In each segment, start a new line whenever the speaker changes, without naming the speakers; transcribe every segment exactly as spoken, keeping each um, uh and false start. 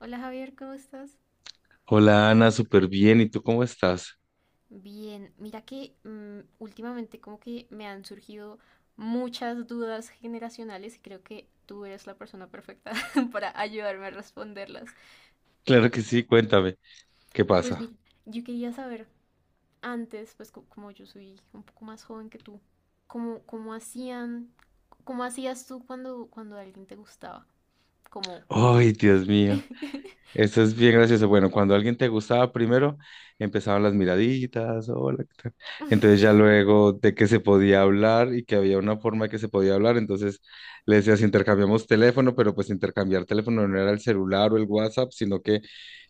Hola Javier, ¿cómo estás?
Hola Ana, súper bien. ¿Y tú cómo estás?
Bien, mira que mm, últimamente como que me han surgido muchas dudas generacionales y creo que tú eres la persona perfecta para ayudarme a responderlas.
Claro que sí, cuéntame, ¿qué
Pues
pasa?
mira, yo quería saber antes, pues co- como yo soy un poco más joven que tú, ¿cómo, cómo hacían, cómo hacías tú cuando, cuando alguien te gustaba? Como,
Ay, Dios
sí.
mío. Eso es bien gracioso. Bueno, cuando alguien te gustaba primero, empezaban las miraditas, hola, ¿qué tal? Entonces ya luego de que se podía hablar y que había una forma que se podía hablar, entonces le decías, intercambiamos teléfono, pero pues intercambiar teléfono no era el celular o el WhatsApp, sino que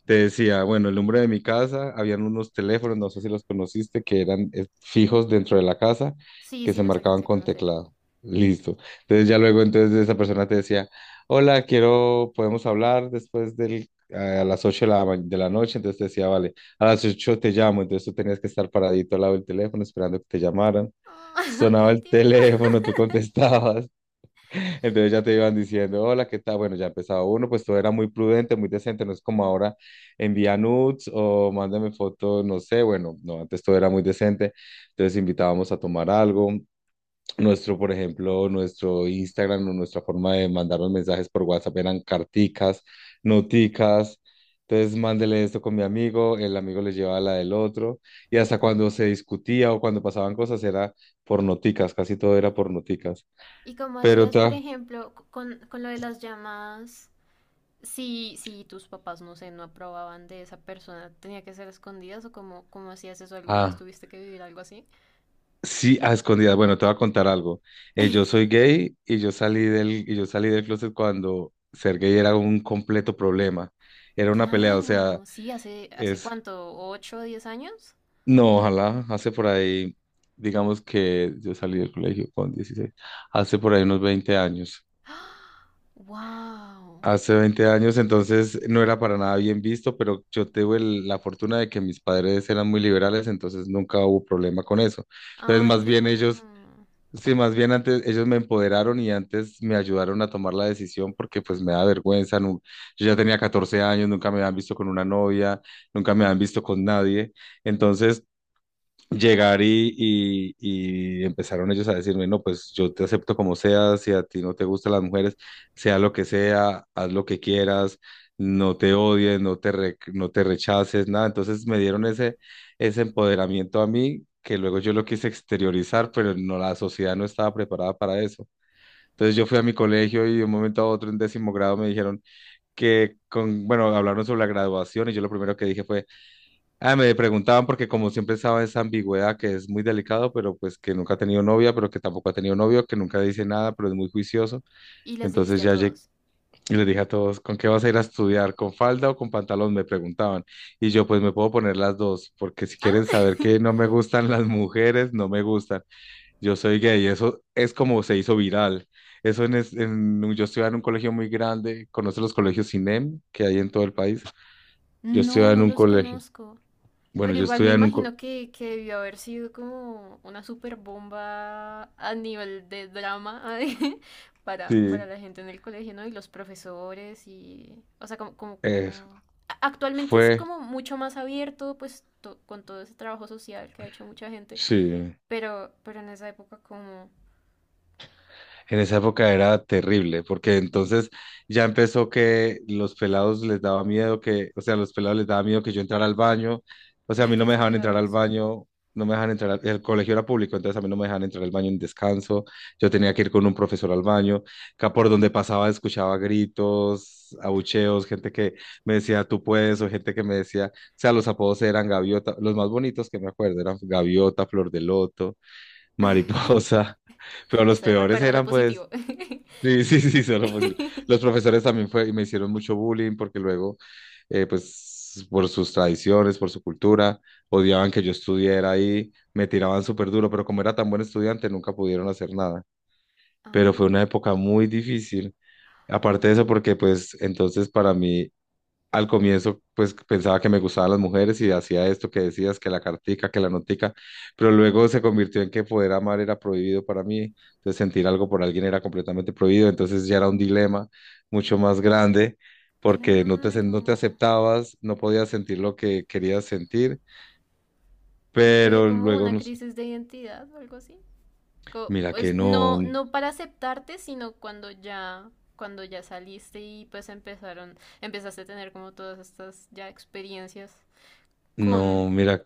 te decía, bueno, el número de mi casa, habían unos teléfonos, no sé si los conociste, que eran eh, fijos dentro de la casa,
Sí,
que
sí,
se
los
marcaban
alcancé a
con
conocer.
teclado. Listo. Entonces ya luego entonces esa persona te decía, hola, quiero, podemos hablar después del a las ocho de la, ma- de la noche, entonces te decía, vale, a las ocho te llamo, entonces tú tenías que estar paradito al lado del teléfono esperando que te llamaran.
Ah,
Sonaba
¡Qué
el
tierno!
teléfono, tú contestabas, entonces ya te iban diciendo, hola, ¿qué tal? Bueno, ya empezaba uno, pues todo era muy prudente, muy decente, no es como ahora envía nudes o mándame fotos, no sé, bueno, no, antes todo era muy decente, entonces invitábamos a tomar algo, nuestro, por ejemplo, nuestro Instagram o nuestra forma de mandarnos mensajes por WhatsApp eran carticas, noticas. Entonces, mándele esto con mi amigo, el amigo le llevaba la del otro. Y hasta cuando se discutía o cuando pasaban cosas era por noticas, casi todo era por noticas.
¿Y cómo
Pero
hacías,
te...
por
va-
ejemplo, c- con, con lo de las llamadas? Si, si tus papás, no sé, no aprobaban de esa persona, ¿tenía que ser a escondidas o cómo, cómo hacías eso? ¿Alguna vez
Ah,
tuviste que vivir algo así?
sí, a escondidas. Bueno, te voy a contar algo. Eh, yo soy gay y yo salí del, y yo salí del closet cuando ser gay era un completo problema. Era una pelea, o sea...
Claro, sí, hace, ¿hace
Es
cuánto? ¿Ocho o diez años?
No, ojalá. Hace por ahí, digamos que yo salí del colegio con dieciséis. Hace por ahí unos veinte años.
¡Wow!
Hace veinte años, entonces no era para nada bien visto, pero yo tuve el- la fortuna de que mis padres eran muy liberales, entonces nunca hubo problema con eso. Entonces,
¡Ay,
más
qué
bien ellos,
bueno!
sí, más bien antes ellos me empoderaron y antes me ayudaron a tomar la decisión porque pues me da vergüenza. Nu- yo ya tenía catorce años, nunca me habían visto con una novia, nunca me habían visto con nadie. Entonces... llegar y, y, y empezaron ellos a decirme, no, pues yo te acepto como seas, si a ti no te gustan las mujeres, sea lo que sea, haz lo que quieras, no te odies, no te, re- no te rechaces, nada. Entonces me dieron ese, ese empoderamiento a mí, que luego yo lo quise exteriorizar, pero no, la sociedad no estaba preparada para eso. Entonces yo fui a
Ah,
mi colegio y de un momento a otro en décimo grado me dijeron que, con, bueno, hablaron sobre la graduación y yo lo primero que dije fue, Ah, me preguntaban porque como siempre estaba esa ambigüedad que es muy delicado, pero pues que nunca ha tenido novia, pero que tampoco ha tenido novio, que nunca dice nada, pero es muy juicioso.
¿Y les dijiste
Entonces
a
ya llegué
todos?
y les dije a todos, ¿con qué vas a ir a estudiar? ¿Con falda o con pantalón? Me preguntaban. Y yo pues me puedo poner las dos, porque si
¿Ah?
quieren saber que no me gustan las mujeres, no me gustan. Yo soy gay, eso es como se hizo viral. Eso en, es- en un- Yo estudiaba en un colegio muy grande, conoce los colegios C I N E M que hay en todo el país. Yo
No,
estudiaba en
no
un
los
colegio.
conozco.
Bueno,
Pero
yo
igual me
estudiaba en un
imagino que, que debió haber sido como una super bomba a nivel de drama para, para
colegio.
la gente en el colegio, ¿no? Y los profesores y... O sea, como, como,
Eh,
como- a- Actualmente es
Fue,
como mucho más abierto, pues, to- con todo ese trabajo social que ha hecho mucha gente.
sí,
Pero, pero en esa época como...
en esa época era terrible, porque entonces ya empezó que los pelados les daba miedo que, o sea, los pelados les daba miedo que yo entrara al baño, o sea, a
Ay,
mí
qué
no me dejaban entrar al
exagerados.
baño, no me dejaban entrar, al- el colegio era público, entonces a mí no me dejaban entrar al baño en descanso, yo tenía que ir con un profesor al baño, que por donde pasaba escuchaba gritos, abucheos, gente que me decía tú puedes, o gente que me decía, o sea, los apodos eran gaviota, los más bonitos que me acuerdo eran gaviota, flor de loto. Mariposa. Pero los
Eso,
peores
recuerda lo
eran, pues,
positivo.
sí, sí, sí, solo posi- Los profesores también fue, y me hicieron mucho bullying porque luego, eh, pues, por sus tradiciones, por su cultura, odiaban que yo estudiara ahí, me tiraban súper duro, pero como era tan buen estudiante, nunca pudieron hacer nada. Pero fue una época
Ah,
muy difícil. Aparte de eso, porque pues entonces para mí al comienzo, pues pensaba que me gustaban las mujeres y hacía esto que decías, que la cartica, que la notica, pero luego se convirtió en que poder amar era prohibido para mí, entonces sentir algo por alguien era completamente prohibido, entonces ya era un dilema mucho más grande porque no te,
claro.
no te aceptabas, no podías sentir lo que querías sentir,
¿No te dio
pero
como
luego,
una
no sé,
crisis de identidad o algo así? Co-
mira que
pues
no,
no, no para aceptarte, sino cuando ya, cuando ya saliste y pues empezaron, empezaste a tener como todas estas ya experiencias con
no, mira.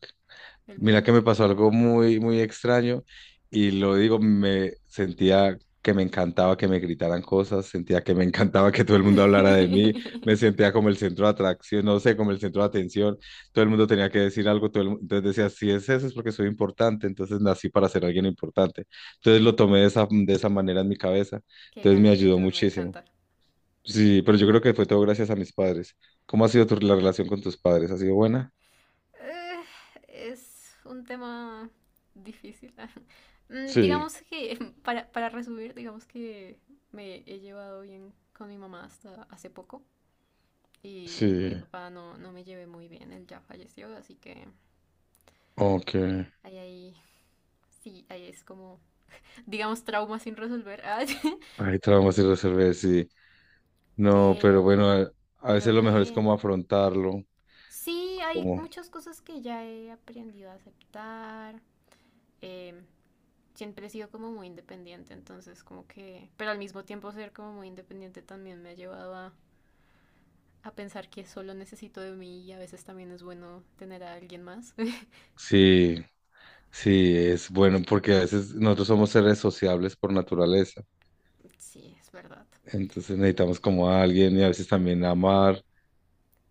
el
Mira
mundo.
que me pasó algo muy, muy extraño y lo digo, me sentía que me encantaba que me gritaran cosas, sentía que me encantaba que todo el mundo hablara de mí, me sentía como el centro de atracción, no sé, como el centro de atención, todo el mundo tenía que decir algo, todo el mu- entonces decía, si es eso es porque soy importante, entonces nací para ser alguien importante. Entonces lo tomé de esa, de esa manera en mi cabeza,
Qué
entonces
gran
me ayudó
actitud, me
muchísimo.
encanta.
Sí, pero yo creo que fue todo gracias a mis padres. ¿Cómo ha sido tu, la relación con tus padres? ¿Ha sido buena?
Eh, es un tema difícil. Mm,
Sí,
Digamos que, para, para resumir, digamos que me he llevado bien con mi mamá hasta hace poco. Y con
sí.
mi papá no, no me llevé muy bien, él ya falleció, así que
Ok.
ahí, ahí, sí, ahí es como, digamos, trauma sin resolver.
Hay traumas sin resolver, sí. No, pero bueno,
Pero,
a, a veces
pero
lo mejor es como
bien.
afrontarlo,
Sí, hay
como
muchas cosas que ya he aprendido a aceptar. Eh, siempre he sido como muy independiente, entonces como que, pero al mismo tiempo ser como muy independiente también me ha llevado a, a pensar que solo necesito de mí y a veces también es bueno tener a alguien más.
sí, sí, es bueno, porque a veces nosotros somos seres sociables por naturaleza,
Sí, es verdad.
entonces necesitamos como a alguien y a veces también amar,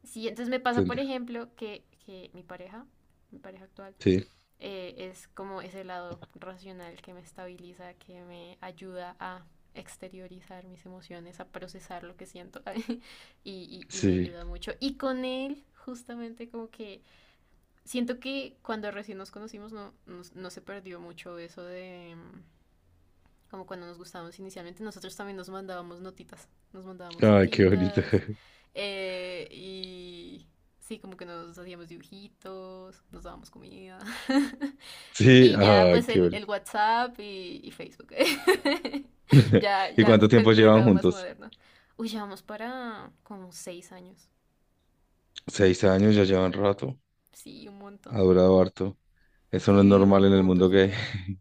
Sí, entonces me pasa, por
¿entendés?
ejemplo, que, que mi pareja, mi pareja actual,
Sí,
eh, es como ese lado racional que me estabiliza, que me ayuda a exteriorizar mis emociones, a procesar lo que siento y, y, y me
sí.
ayuda mucho. Y con él, justamente como que siento que cuando recién nos conocimos no, no, no se perdió mucho eso de... mm, como cuando nos gustábamos inicialmente, nosotros también nos mandábamos notitas, nos mandábamos
Ay, qué bonito.
notitas eh, y sí, como que nos hacíamos dibujitos, nos dábamos comida
Sí,
y ya
ay,
pues
qué
el,
bonito.
el WhatsApp y, y Facebook, ya,
¿Y
ya,
cuánto tiempo
por el
llevan
lado más
juntos?
moderno. Uy, llevamos para como seis años,
Seis años, ya llevan rato,
sí, un
ha
montón.
durado harto. Eso no
Sí,
es normal
vivimos
en el mundo
juntos y
gay.
todo.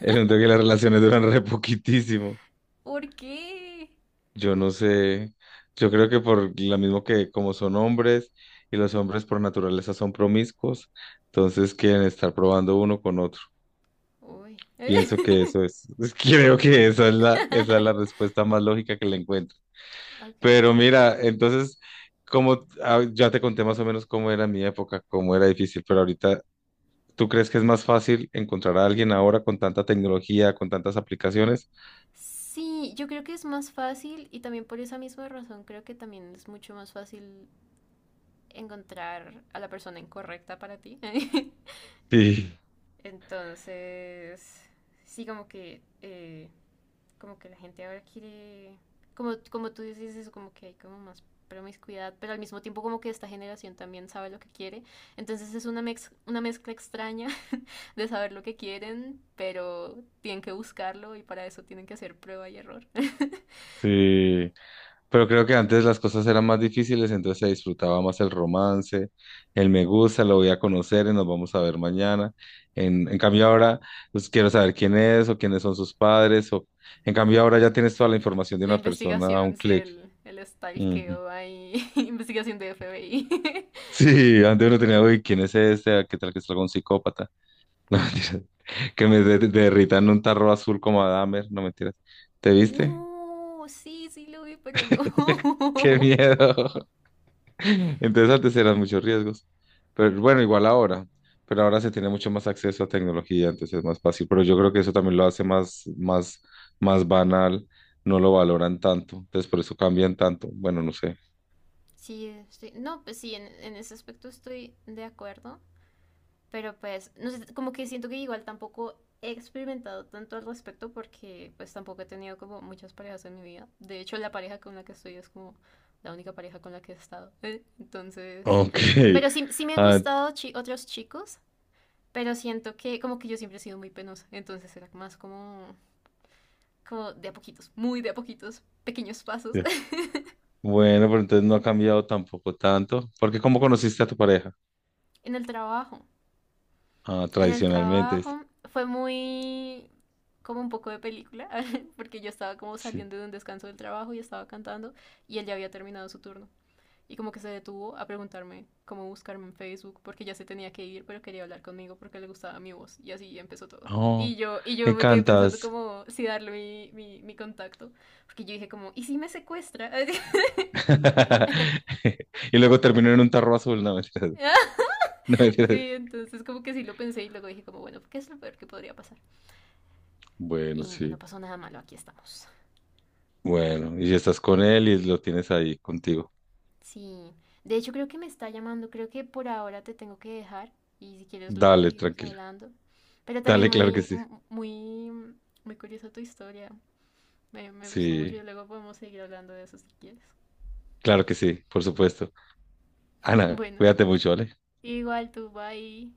En el mundo que las relaciones duran re poquitísimo.
¿Por qué?
Yo no sé, yo creo que por lo mismo que como son hombres y los hombres por naturaleza son promiscuos, entonces quieren estar probando uno con otro.
Uy.
Pienso que eso es, creo que esa es la, esa es la respuesta más lógica que le encuentro.
Ok.
Pero mira, entonces, como ah, ya te conté más o menos cómo era mi época, cómo era difícil, pero ahorita, ¿tú crees que es más fácil encontrar a alguien ahora con tanta tecnología, con tantas aplicaciones?
Sí, yo creo que es más fácil y también por esa misma razón creo que también es mucho más fácil encontrar a la persona incorrecta para ti.
Sí,
Entonces, sí, como que, eh, como que la gente ahora quiere, como, como tú dices eso, como que hay como más promiscuidad, pero al mismo tiempo como que esta generación también sabe lo que quiere. Entonces es una, mex- una mezcla extraña de saber lo que quieren, pero tienen que buscarlo y para eso tienen que hacer prueba y error.
sí. Pero creo que antes las cosas eran más difíciles, entonces se disfrutaba más el romance, el me gusta, lo voy a conocer y nos vamos a ver mañana. En, en cambio ahora, pues quiero saber quién es o quiénes son sus padres. O, en cambio ahora ya tienes toda la información de
La
una persona a un
investigación, sí,
clic.
el, el
Ujú.
stalkeo ahí, investigación de F B I.
Sí, antes uno tenía, uy, ¿quién es este? Ah, ¿qué tal que es algún psicópata? No, mentiras. Que me de- derrita en un tarro azul como a Dahmer, no mentiras. ¿Te viste?
No, sí, sí lo vi, pero no.
¡Qué miedo! Entonces antes eran muchos riesgos, pero bueno, igual ahora, pero ahora se tiene mucho más acceso a tecnología, entonces es más fácil, pero yo creo que eso también lo hace más, más, más banal, no lo valoran tanto, entonces por eso cambian tanto, bueno, no sé.
Sí, estoy- no, pues sí, en, en ese aspecto estoy de acuerdo, pero pues, no sé, como que siento que igual tampoco he experimentado tanto al respecto porque pues tampoco he tenido como muchas parejas en mi vida. De hecho, la pareja con la que estoy es como la única pareja con la que he estado. Entonces,
Ok,
pero sí, sí me han
ah,
gustado chi- otros chicos. Pero siento que como que yo siempre he sido muy penosa, entonces era más como, como de a poquitos, muy de a poquitos, pequeños pasos.
ya. Bueno, pero entonces no ha cambiado tampoco tanto, porque ¿cómo conociste a tu pareja?
En el trabajo,
Ah,
en el
tradicionalmente,
trabajo fue muy como un poco de película, porque yo estaba como
sí.
saliendo de un descanso del trabajo y estaba cantando y él ya había terminado su turno. Y como que se detuvo a preguntarme cómo buscarme en Facebook porque ya se tenía que ir, pero quería hablar conmigo porque le gustaba mi voz y así empezó todo. Y
Oh,
yo, y
me
yo me quedé pensando
encantas.
como si darle mi, mi, mi contacto, porque yo dije como, ¿y si me secuestra?
Y luego terminó en un tarro azul, no mentiras,
Sí,
no mentiras.
entonces como que sí lo pensé y luego dije como, bueno, ¿qué es lo peor que podría pasar? Y,
Bueno,
y no
sí.
pasó nada malo, aquí estamos.
Bueno, y si estás con él y lo tienes ahí contigo.
Sí, de hecho creo que me está llamando, creo que por ahora te tengo que dejar y si quieres luego
Dale,
seguimos
tranquila.
hablando. Pero también
Dale, claro que
muy,
sí.
muy, muy curiosa tu historia. Me, me gustó mucho y
Sí,
luego podemos seguir hablando de eso si quieres.
claro que sí, por supuesto. Ana,
Bueno,
cuídate mucho, ¿vale?
igual tú va ahí